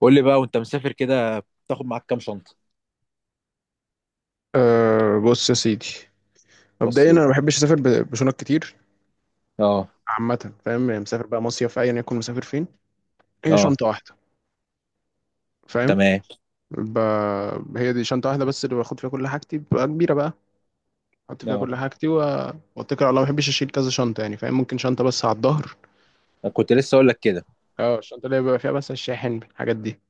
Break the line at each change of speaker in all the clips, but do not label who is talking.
قول لي بقى وانت مسافر كده، بتاخد معاك كام شنطه؟
أه بص يا سيدي.
بص
مبدئيا انا
ايه؟
ما بحبش اسافر بشنط كتير.
اه.
عامه فاهم يعني مسافر بقى مصيف ايا يكون مسافر فين، هي
اه،
شنطه واحده. فاهم.
تمام.
ب... هي دي شنطه واحده بس اللي باخد فيها كل حاجتي بتبقى كبيره بقى. احط فيها
اه.
كل حاجتي واتكل على الله. ما بحبش اشيل كذا شنطه يعني، فاهم، ممكن شنطه بس على الظهر.
كنت لسه اقول لك كده.
اه، الشنطه اللي بيبقى فيها بس الشاحن، الحاجات دي.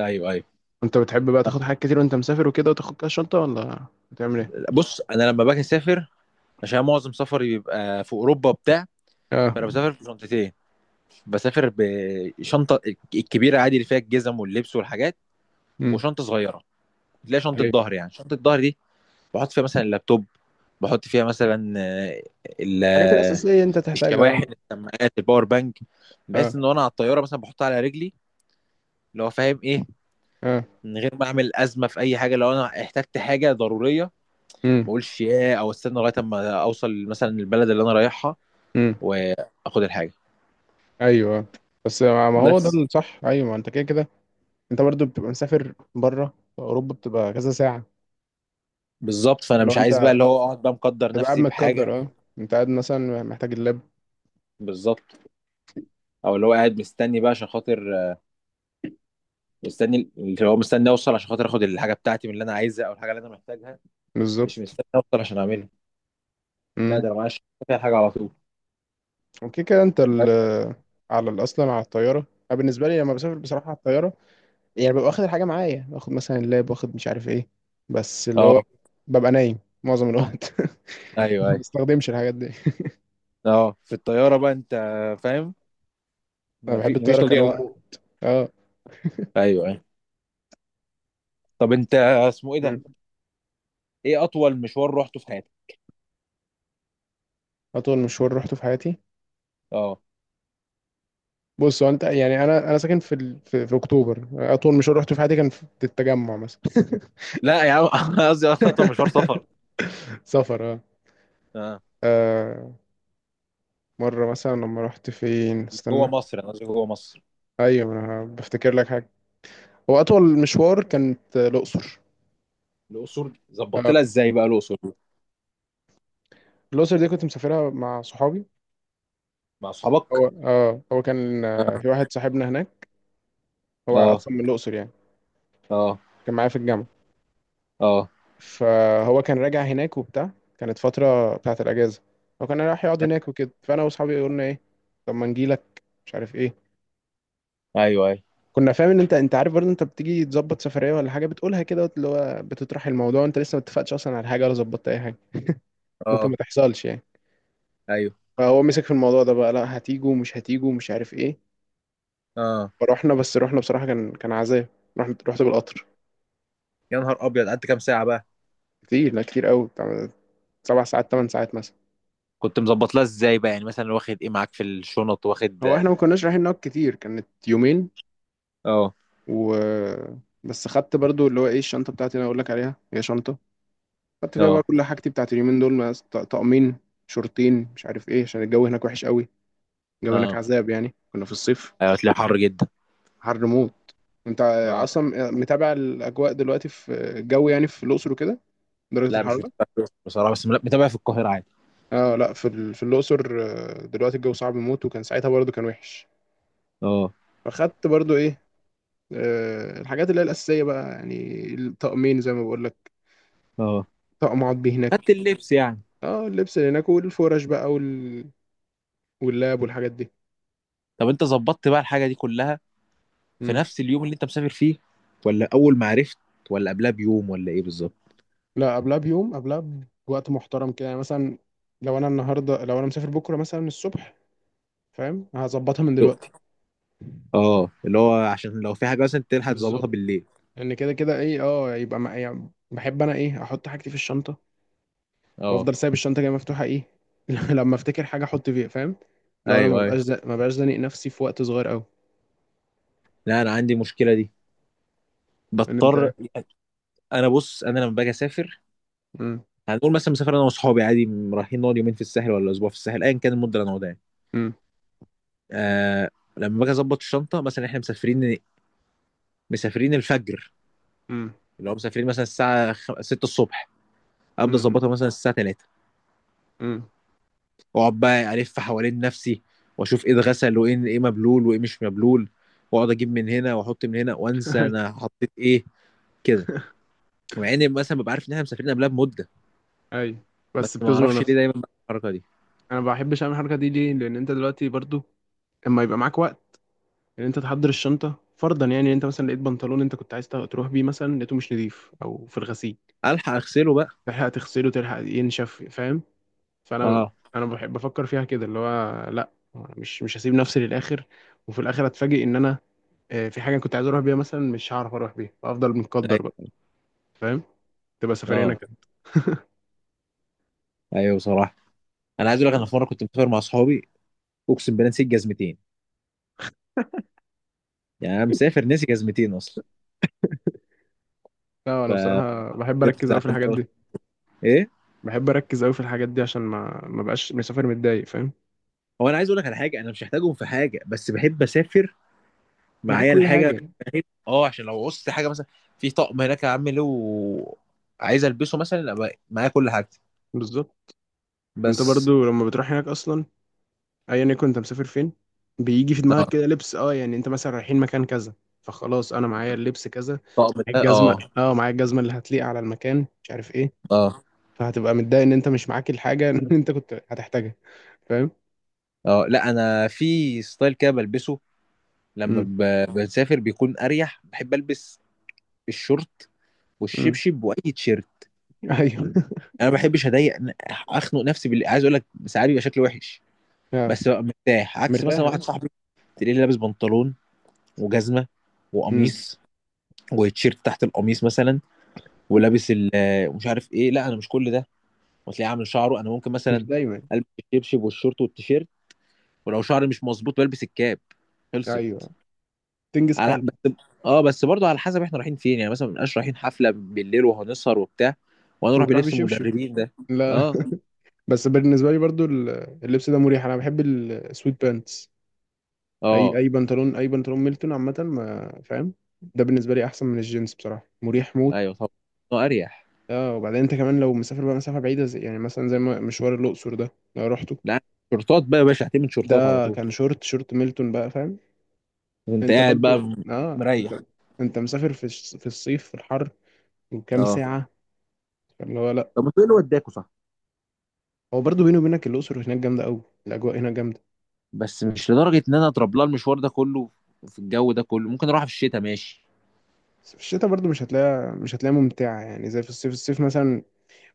ايوه، ايوه.
انت بتحب بقى تاخد حاجات كتير وانت مسافر وكده وتاخد كذا شنطه ولا بتعمل ايه؟
بص، انا لما باجي اسافر، عشان معظم سفري بيبقى في اوروبا بتاع،
اه.
فانا بسافر بشنطتين. بسافر بشنطه الكبيره عادي، اللي فيها الجزم واللبس والحاجات،
امم.
وشنطه صغيره تلاقي شنطه
ايوه،
ظهر، يعني شنطه ظهر دي بحط فيها مثلا اللابتوب، بحط فيها مثلا ال-
الحاجات
آه،
الاساسيه انت
الشواحن،
تحتاجها.
السماعات، الباور بانك.
اه
بحيث ان انا على الطياره مثلا بحطها على رجلي، اللي هو فاهم ايه،
اه. اه.
من غير ما اعمل ازمه في اي حاجه. لو انا احتجت حاجه ضروريه، ما اقولش ياه او استنى لغايه اما اوصل مثلا البلد اللي انا رايحها
امم.
واخد الحاجه.
ايوه بس ما هو ده
بس
الصح. ايوه، ما انت كده كده. انت برضو بتبقى مسافر بره اوروبا، بتبقى كذا ساعه.
بالظبط، فانا
اللي هو
مش عايز بقى
انت
اللي هو اقعد بقى مقدر
تبقى قاعد
نفسي بحاجه.
متقدر، اه. انت قاعد مثلا محتاج اللاب.
بالظبط، او اللي هو قاعد مستني بقى عشان خاطر، مستني اللي هو مستني اوصل عشان خاطر اخد الحاجه بتاعتي من اللي انا عايزها، او الحاجه اللي انا محتاجها. مش
بالظبط.
مستني اوصل عشان اعملها. لا، ده
امم.
انا معايا فيها الحاجه على طول.
وكده كده انت ال
بس.
اصلا على الطياره. انا بالنسبه لي لما بسافر بصراحه على الطياره، يعني ببقى واخد الحاجه معايا، باخد مثلا اللاب واخد مش عارف ايه. بس اللي هو
اه،
ببقى نايم معظم الوقت
ايوه
ما
ايوه.
بستخدمش الحاجات دي.
اه، في الطياره بقى انت، فاهم،
انا
ما في
بحب
مفيش
الطياره
تضييع
كنوم
وقت.
موت، اه.
ايوه، ايوه. طب انت، اسمه ايه ده،
مم.
ايه اطول مشوار رحته في حياتك؟
اطول مشوار روحته في حياتي.
اه.
بص هو انت يعني انا ساكن في اكتوبر. اطول مشوار رحته في حياتي كان في التجمع مثلا.
لا يا عم، أنا قصدي اصلا مشوار سفر.
سفر اه.
اه،
آه، مرة مثلا لما رحت فين،
جوه
استنى.
مصر، انا قصدي جوه مصر.
ايوه انا بفتكر لك حاجة. هو اطول مشوار كانت الاقصر.
الاقصر ظبطت
آه،
لها ازاي بقى الاقصر دي؟
الاقصر دي كنت مسافرها مع صحابي.
مع اصحابك.
هو اه، هو كان في واحد صاحبنا هناك. هو
اه.
اصلا من الاقصر يعني،
اه.
كان معايا في الجامعة.
اه.
فهو كان راجع هناك وبتاع. كانت فترة بتاعت الأجازة، هو كان رايح يقعد هناك وكده. فأنا وأصحابي قلنا إيه، طب ما نجيلك مش عارف إيه.
ايوه، ايوه.
كنا فاهم إن أنت عارف برضه، أنت بتيجي تظبط سفرية ولا حاجة بتقولها كده اللي هو بتطرح الموضوع، أنت لسه ما اتفقتش أصلا على حاجة ولا ظبطت أي حاجة، ممكن ما
اه.
تحصلش يعني.
ايوه.
فهو مسك في الموضوع ده بقى، لا هتيجوا ومش هتيجوا ومش عارف إيه.
اه.
فروحنا. بس روحنا بصراحة كان عذاب. رحت بالقطر.
يا نهار ابيض، قعدت كام ساعه بقى؟
كتير، لا كتير قوي بتاع. 7 ساعات 8 ساعات مثلا.
كنت مظبط لها ازاي بقى، يعني مثلا واخد ايه معاك في الشنط، واخد
هو احنا ما كناش رايحين نقعد كتير، كانت يومين.
اه.
و بس خدت برضو اللي هو ايه، الشنطه بتاعتي اللي انا اقول لك عليها هي شنطه. خدت فيها بقى
اه.
كل حاجتي بتاعت اليومين دول، طقمين شورتين مش عارف ايه عشان الجو هناك وحش قوي. الجو هناك
اه.
عذاب يعني، كنا في الصيف.
ايوه، هتلاقي حر جدا.
حر موت. انت
اه.
اصلا متابع الاجواء دلوقتي في الجو يعني في الاقصر وكده، درجه
لا، مش
الحراره؟
متابع في الأقصر بصراحه، بس متابع في القاهره عادي.
اه لا، في الاقصر دلوقتي الجو صعب موت، وكان ساعتها برضو كان وحش.
اه.
فخدت برضو ايه، الحاجات اللي هي الاساسيه بقى يعني، الطقمين زي ما بقول لك.
اه.
طقم اقعد بيه
خدت
هناك.
اللبس يعني.
اه اللبس اللي هناك والفرش بقى واللاب والحاجات دي.
طب انت ظبطت بقى الحاجه دي كلها في
مم.
نفس اليوم اللي انت مسافر فيه، ولا اول ما عرفت، ولا قبلها بيوم، ولا ايه بالظبط؟
لا قبلها بيوم، قبلها بوقت محترم كده يعني. مثلا لو انا النهارده لو انا مسافر بكره مثلا الصبح، فاهم، هظبطها من دلوقتي.
اه، اللي هو عشان لو في حاجه مثلا تلحق تظبطها
بالظبط.
بالليل.
ان كده كده ايه اه، يبقى ما يعني، بحب انا ايه، احط حاجتي في الشنطه
اه،
وافضل سايب الشنطه كده مفتوحه ايه. لما افتكر حاجه احط فيها، فاهم. لو انا
ايوه ايوه.
ما بقاش زانق نفسي في وقت صغير قوي.
لا، انا عندي المشكله دي،
ان
بضطر.
انت.
بص، انا لما باجي اسافر،
امم.
هنقول مثلا مسافر انا واصحابي عادي، رايحين نقعد يومين في الساحل ولا اسبوع في الساحل، ايا كان المده اللي هنقعدها يعني.
امم.
آه لما باجي اظبط الشنطه، مثلا احنا مسافرين الفجر،
امم.
اللي هو مسافرين مثلا الساعه 6 الصبح، ابدا اظبطها مثلا الساعه 3،
امم.
واقعد بقى الف حوالين نفسي، واشوف ايه اتغسل وايه ايه مبلول وايه مش مبلول، واقعد اجيب من هنا واحط من هنا وانسى
اي
انا حطيت ايه، كده. مع اني مثلا ببقى عارف ان احنا مسافرين قبلها بمده،
اي.
بس
بس
ما
بتزنق
اعرفش ليه
نفسك.
دايما بعمل الحركه دي.
انا ما بحبش اعمل الحركه دي ليه؟ لان انت دلوقتي برضو اما يبقى معاك وقت ان انت تحضر الشنطه، فرضا يعني إن انت مثلا لقيت بنطلون انت كنت عايز تروح بيه، مثلا لقيته مش نظيف او في الغسيل،
الحق اغسله بقى.
تلحق تغسله تلحق ينشف، فاهم. فانا
اه.
انا بحب افكر فيها كده، اللي هو لا أنا مش هسيب نفسي للاخر وفي الاخر اتفاجئ ان انا في حاجه كنت عايز اروح بيها مثلا، مش هعرف اروح بيها، فافضل متقدر بقى.
ايوه.
فاهم. تبقى سفريه انا
اه،
كده.
ايوه بصراحه. انا عايز اقول لك، انا في
بس
مره كنت مسافر مع اصحابي، اقسم بالله نسيت جزمتين. يعني انا مسافر ناسي جزمتين اصلا.
لا انا بصراحه بحب
فكنت
اركز قوي في
زعلان
الحاجات
قوي.
دي.
ايه؟
بحب اركز قوي في الحاجات دي عشان ما بقاش مسافر متضايق، فاهم.
هو انا عايز اقول لك على حاجه، انا مش محتاجهم في حاجه، بس بحب اسافر
معاك
معايا
كل
الحاجه.
حاجة.
فاهم؟ اه، عشان لو قصت حاجه مثلا، في طقم هناك يا عم له عايز البسه مثلا، أبقى معايا كل حاجتي.
بالظبط. انت
بس.
برضو لما بتروح هناك اصلا ايا يكن انت مسافر فين، بيجي في دماغك
اه،
كده لبس اه، يعني انت مثلا رايحين مكان كذا فخلاص انا معايا اللبس كذا،
الطقم
معايا
ده. اه.
الجزمة اه، معايا الجزمة اللي هتليق على المكان مش عارف ايه.
اه.
فهتبقى متضايق ان انت مش معاك الحاجة اللي انت كنت هتحتاجها، فاهم.
اه. لا انا في ستايل كده بلبسه لما
امم.
بسافر، بيكون اريح. بحب البس الشورت
امم.
والشبشب واي تيشيرت.
ايوه
انا ما بحبش اضايق اخنق نفسي عايز اقول لك ساعات بيبقى شكلي وحش،
اه.
بس ببقى مرتاح. عكس
مرتاح
مثلا واحد
اه.
صاحبي، تلاقيه لابس بنطلون وجزمه
امم.
وقميص وتيشيرت تحت القميص مثلا، ولابس ومش عارف ايه. لا، انا مش كل ده. وتلاقيه عامل شعره. انا ممكن
مش
مثلا
دايما.
البس الشبشب والشورت والتيشيرت، ولو شعري مش مظبوط بلبس الكاب. خلصت.
ايوه. تنجز
على
حالك.
بس. اه، بس برضه على حسب احنا رايحين فين. يعني مثلا، ما بنبقاش رايحين حفله بالليل وهنسهر وبتاع وانا اروح
وتروح
بلبس
بشبشب،
المدربين ده.
لا
اه.
بس بالنسبة لي برضو اللبس ده مريح، انا بحب السويت بانتس. اي
اه.
اي بنطلون، اي بنطلون ميلتون عامه، ما فاهم. ده بالنسبه لي احسن من الجينز بصراحه، مريح موت.
ايوه طبعا. اريح.
اه. وبعدين انت كمان لو مسافر بقى مسافه بعيده زي يعني مثلا زي ما مشوار الاقصر ده لو رحته.
لا، شورتات بقى يا باشا. هتعمل شورتات على
ده
طول.
كان شورت، شورت ميلتون بقى، فاهم.
وانت
انت
قاعد بقى،
برضو اه، انت.
مريح.
انت مسافر في الصيف في الحر، وكام
اه.
ساعه، اللي هو لا.
طب ما تقول له وداكوا، صح.
هو برضو بيني وبينك الاقصر هناك جامده قوي، الاجواء هناك جامده.
بس مش لدرجه ان انا اضرب لها المشوار ده كله في الجو ده كله. ممكن اروح في الشتاء ماشي.
بس في الشتاء برضو مش هتلاقيها، مش هتلاقيها ممتعه يعني زي في الصيف. الصيف مثلا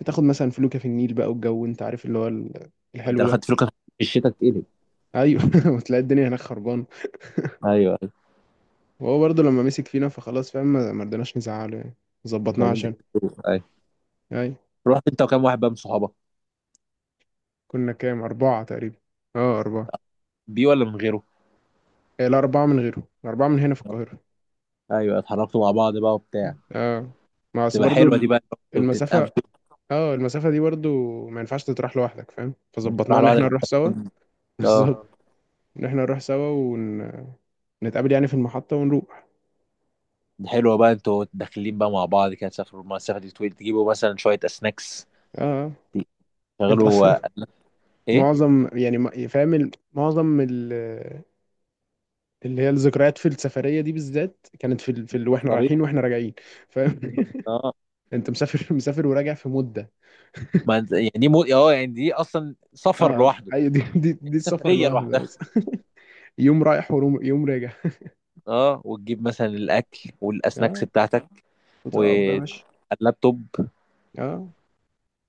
بتاخد مثلا فلوكه في النيل بقى، والجو انت عارف اللي هو
انت
الحلو
لو
ده.
خدت فلوس في الشتاء تتقلب.
ايوه وتلاقي الدنيا هناك خربانه.
ايوه، ايوه.
وهو برضه لما مسك فينا فخلاص، فاهم، ما رضيناش نزعله يعني،
مش
ظبطناه
عايزين
عشان.
تكتبوا ايوه.
ايوه.
رحت انت وكام واحد بقى من صحابك؟
كنا كام، اربعه تقريبا. اه اربعه.
بيه ولا من غيره؟
إيه، لا اربعه من غيره، اربعه من هنا في القاهره.
ايوه، اتحركتوا مع بعض بقى وبتاع.
اه. ما اصل
تبقى
برضه
حلوه دي بقى، انتوا
المسافه.
بتتقابلوا.
اه، المسافه دي برضه ما ينفعش تتراح لوحدك، فاهم.
مش راح
فظبطناه ان
لوحدك
احنا نروح سوا.
اه.
بالظبط اه. ان احنا نروح سوا نتقابل يعني في المحطة ونروح.
دي حلوه بقى، انتوا داخلين بقى مع بعض كده، تسافروا المسافه دي طويل، تجيبوا مثلا شويه سناكس،
اه. آه. انت
تشغلوا
اصلا
ايه،
معظم يعني فاهم معظم اللي هي الذكريات في السفريه دي بالذات كانت واحنا
الطريق.
رايحين واحنا راجعين، فاهم
اه.
انت مسافر مسافر وراجع في مده.
ما انت- يعني دي مو... اه يعني دي اصلا سفر
اه
لوحده.
ايوه، دي دي,
يعني
دي
دي
السفر
سفريه
لوحده
لوحدها.
بس. يوم رايح ويوم راجع.
اه، وتجيب مثلا الاكل والسناكس
اه.
بتاعتك
وتقعد بقى ماشي.
واللابتوب،
اه.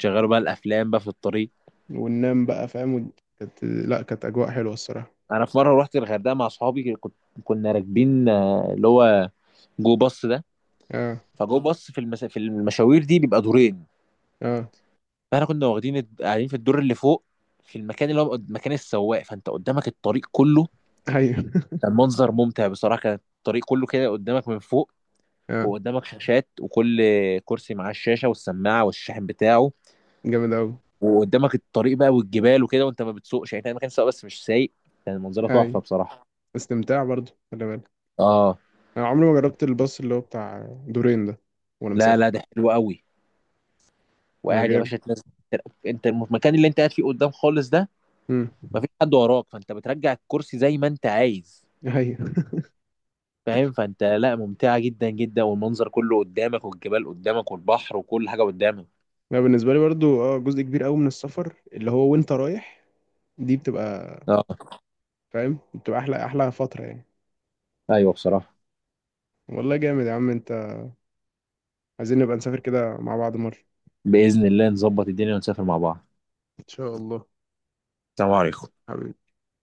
شغلوا بقى الافلام بقى في الطريق.
وننام بقى، فاهم كانت، لا كانت اجواء حلوه الصراحه.
انا في مره رحت الغردقه مع اصحابي، كنت كنا راكبين اللي هو جو باص ده.
اه
فجو باص في في المشاوير دي بيبقى دورين،
اه.
فاحنا كنا واخدين قاعدين في الدور اللي فوق، في المكان اللي هو مكان السواق، فانت قدامك الطريق كله.
ايوه
كان منظر ممتع بصراحه. كان الطريق كله كده قدامك من فوق،
اه
وقدامك شاشات، وكل كرسي معاه الشاشه والسماعه والشاحن بتاعه،
جامد قوي.
وقدامك الطريق بقى والجبال وكده، وانت ما بتسوقش، يعني كان مكان سواق بس مش سايق. كان منظره تحفه
ايوه،
بصراحه.
استمتاع برضه، خلي بالك.
اه،
انا عمري ما جربت الباص اللي هو بتاع دورين ده وانا
لا
مسافر.
لا، ده حلو قوي.
اه
وقاعد يا
جامد.
باشا تنزل. انت المكان اللي انت قاعد فيه قدام خالص ده،
امم.
مفيش حد وراك، فانت بترجع الكرسي زي ما انت عايز.
ايوه.
فاهم؟ فانت لا، ممتعة جدا جدا، والمنظر كله قدامك، والجبال قدامك، والبحر وكل حاجة قدامك.
انا بالنسبه لي برضو اه جزء كبير قوي من السفر اللي هو وانت رايح، دي بتبقى
اه،
فاهم بتبقى احلى، احلى فتره يعني.
ايوه بصراحة.
والله جامد يا عم انت، عايزين نبقى نسافر كده مع بعض مره.
بإذن الله نظبط الدنيا ونسافر مع بعض.
ان شاء الله.
السلام عليكم.
حبيبي.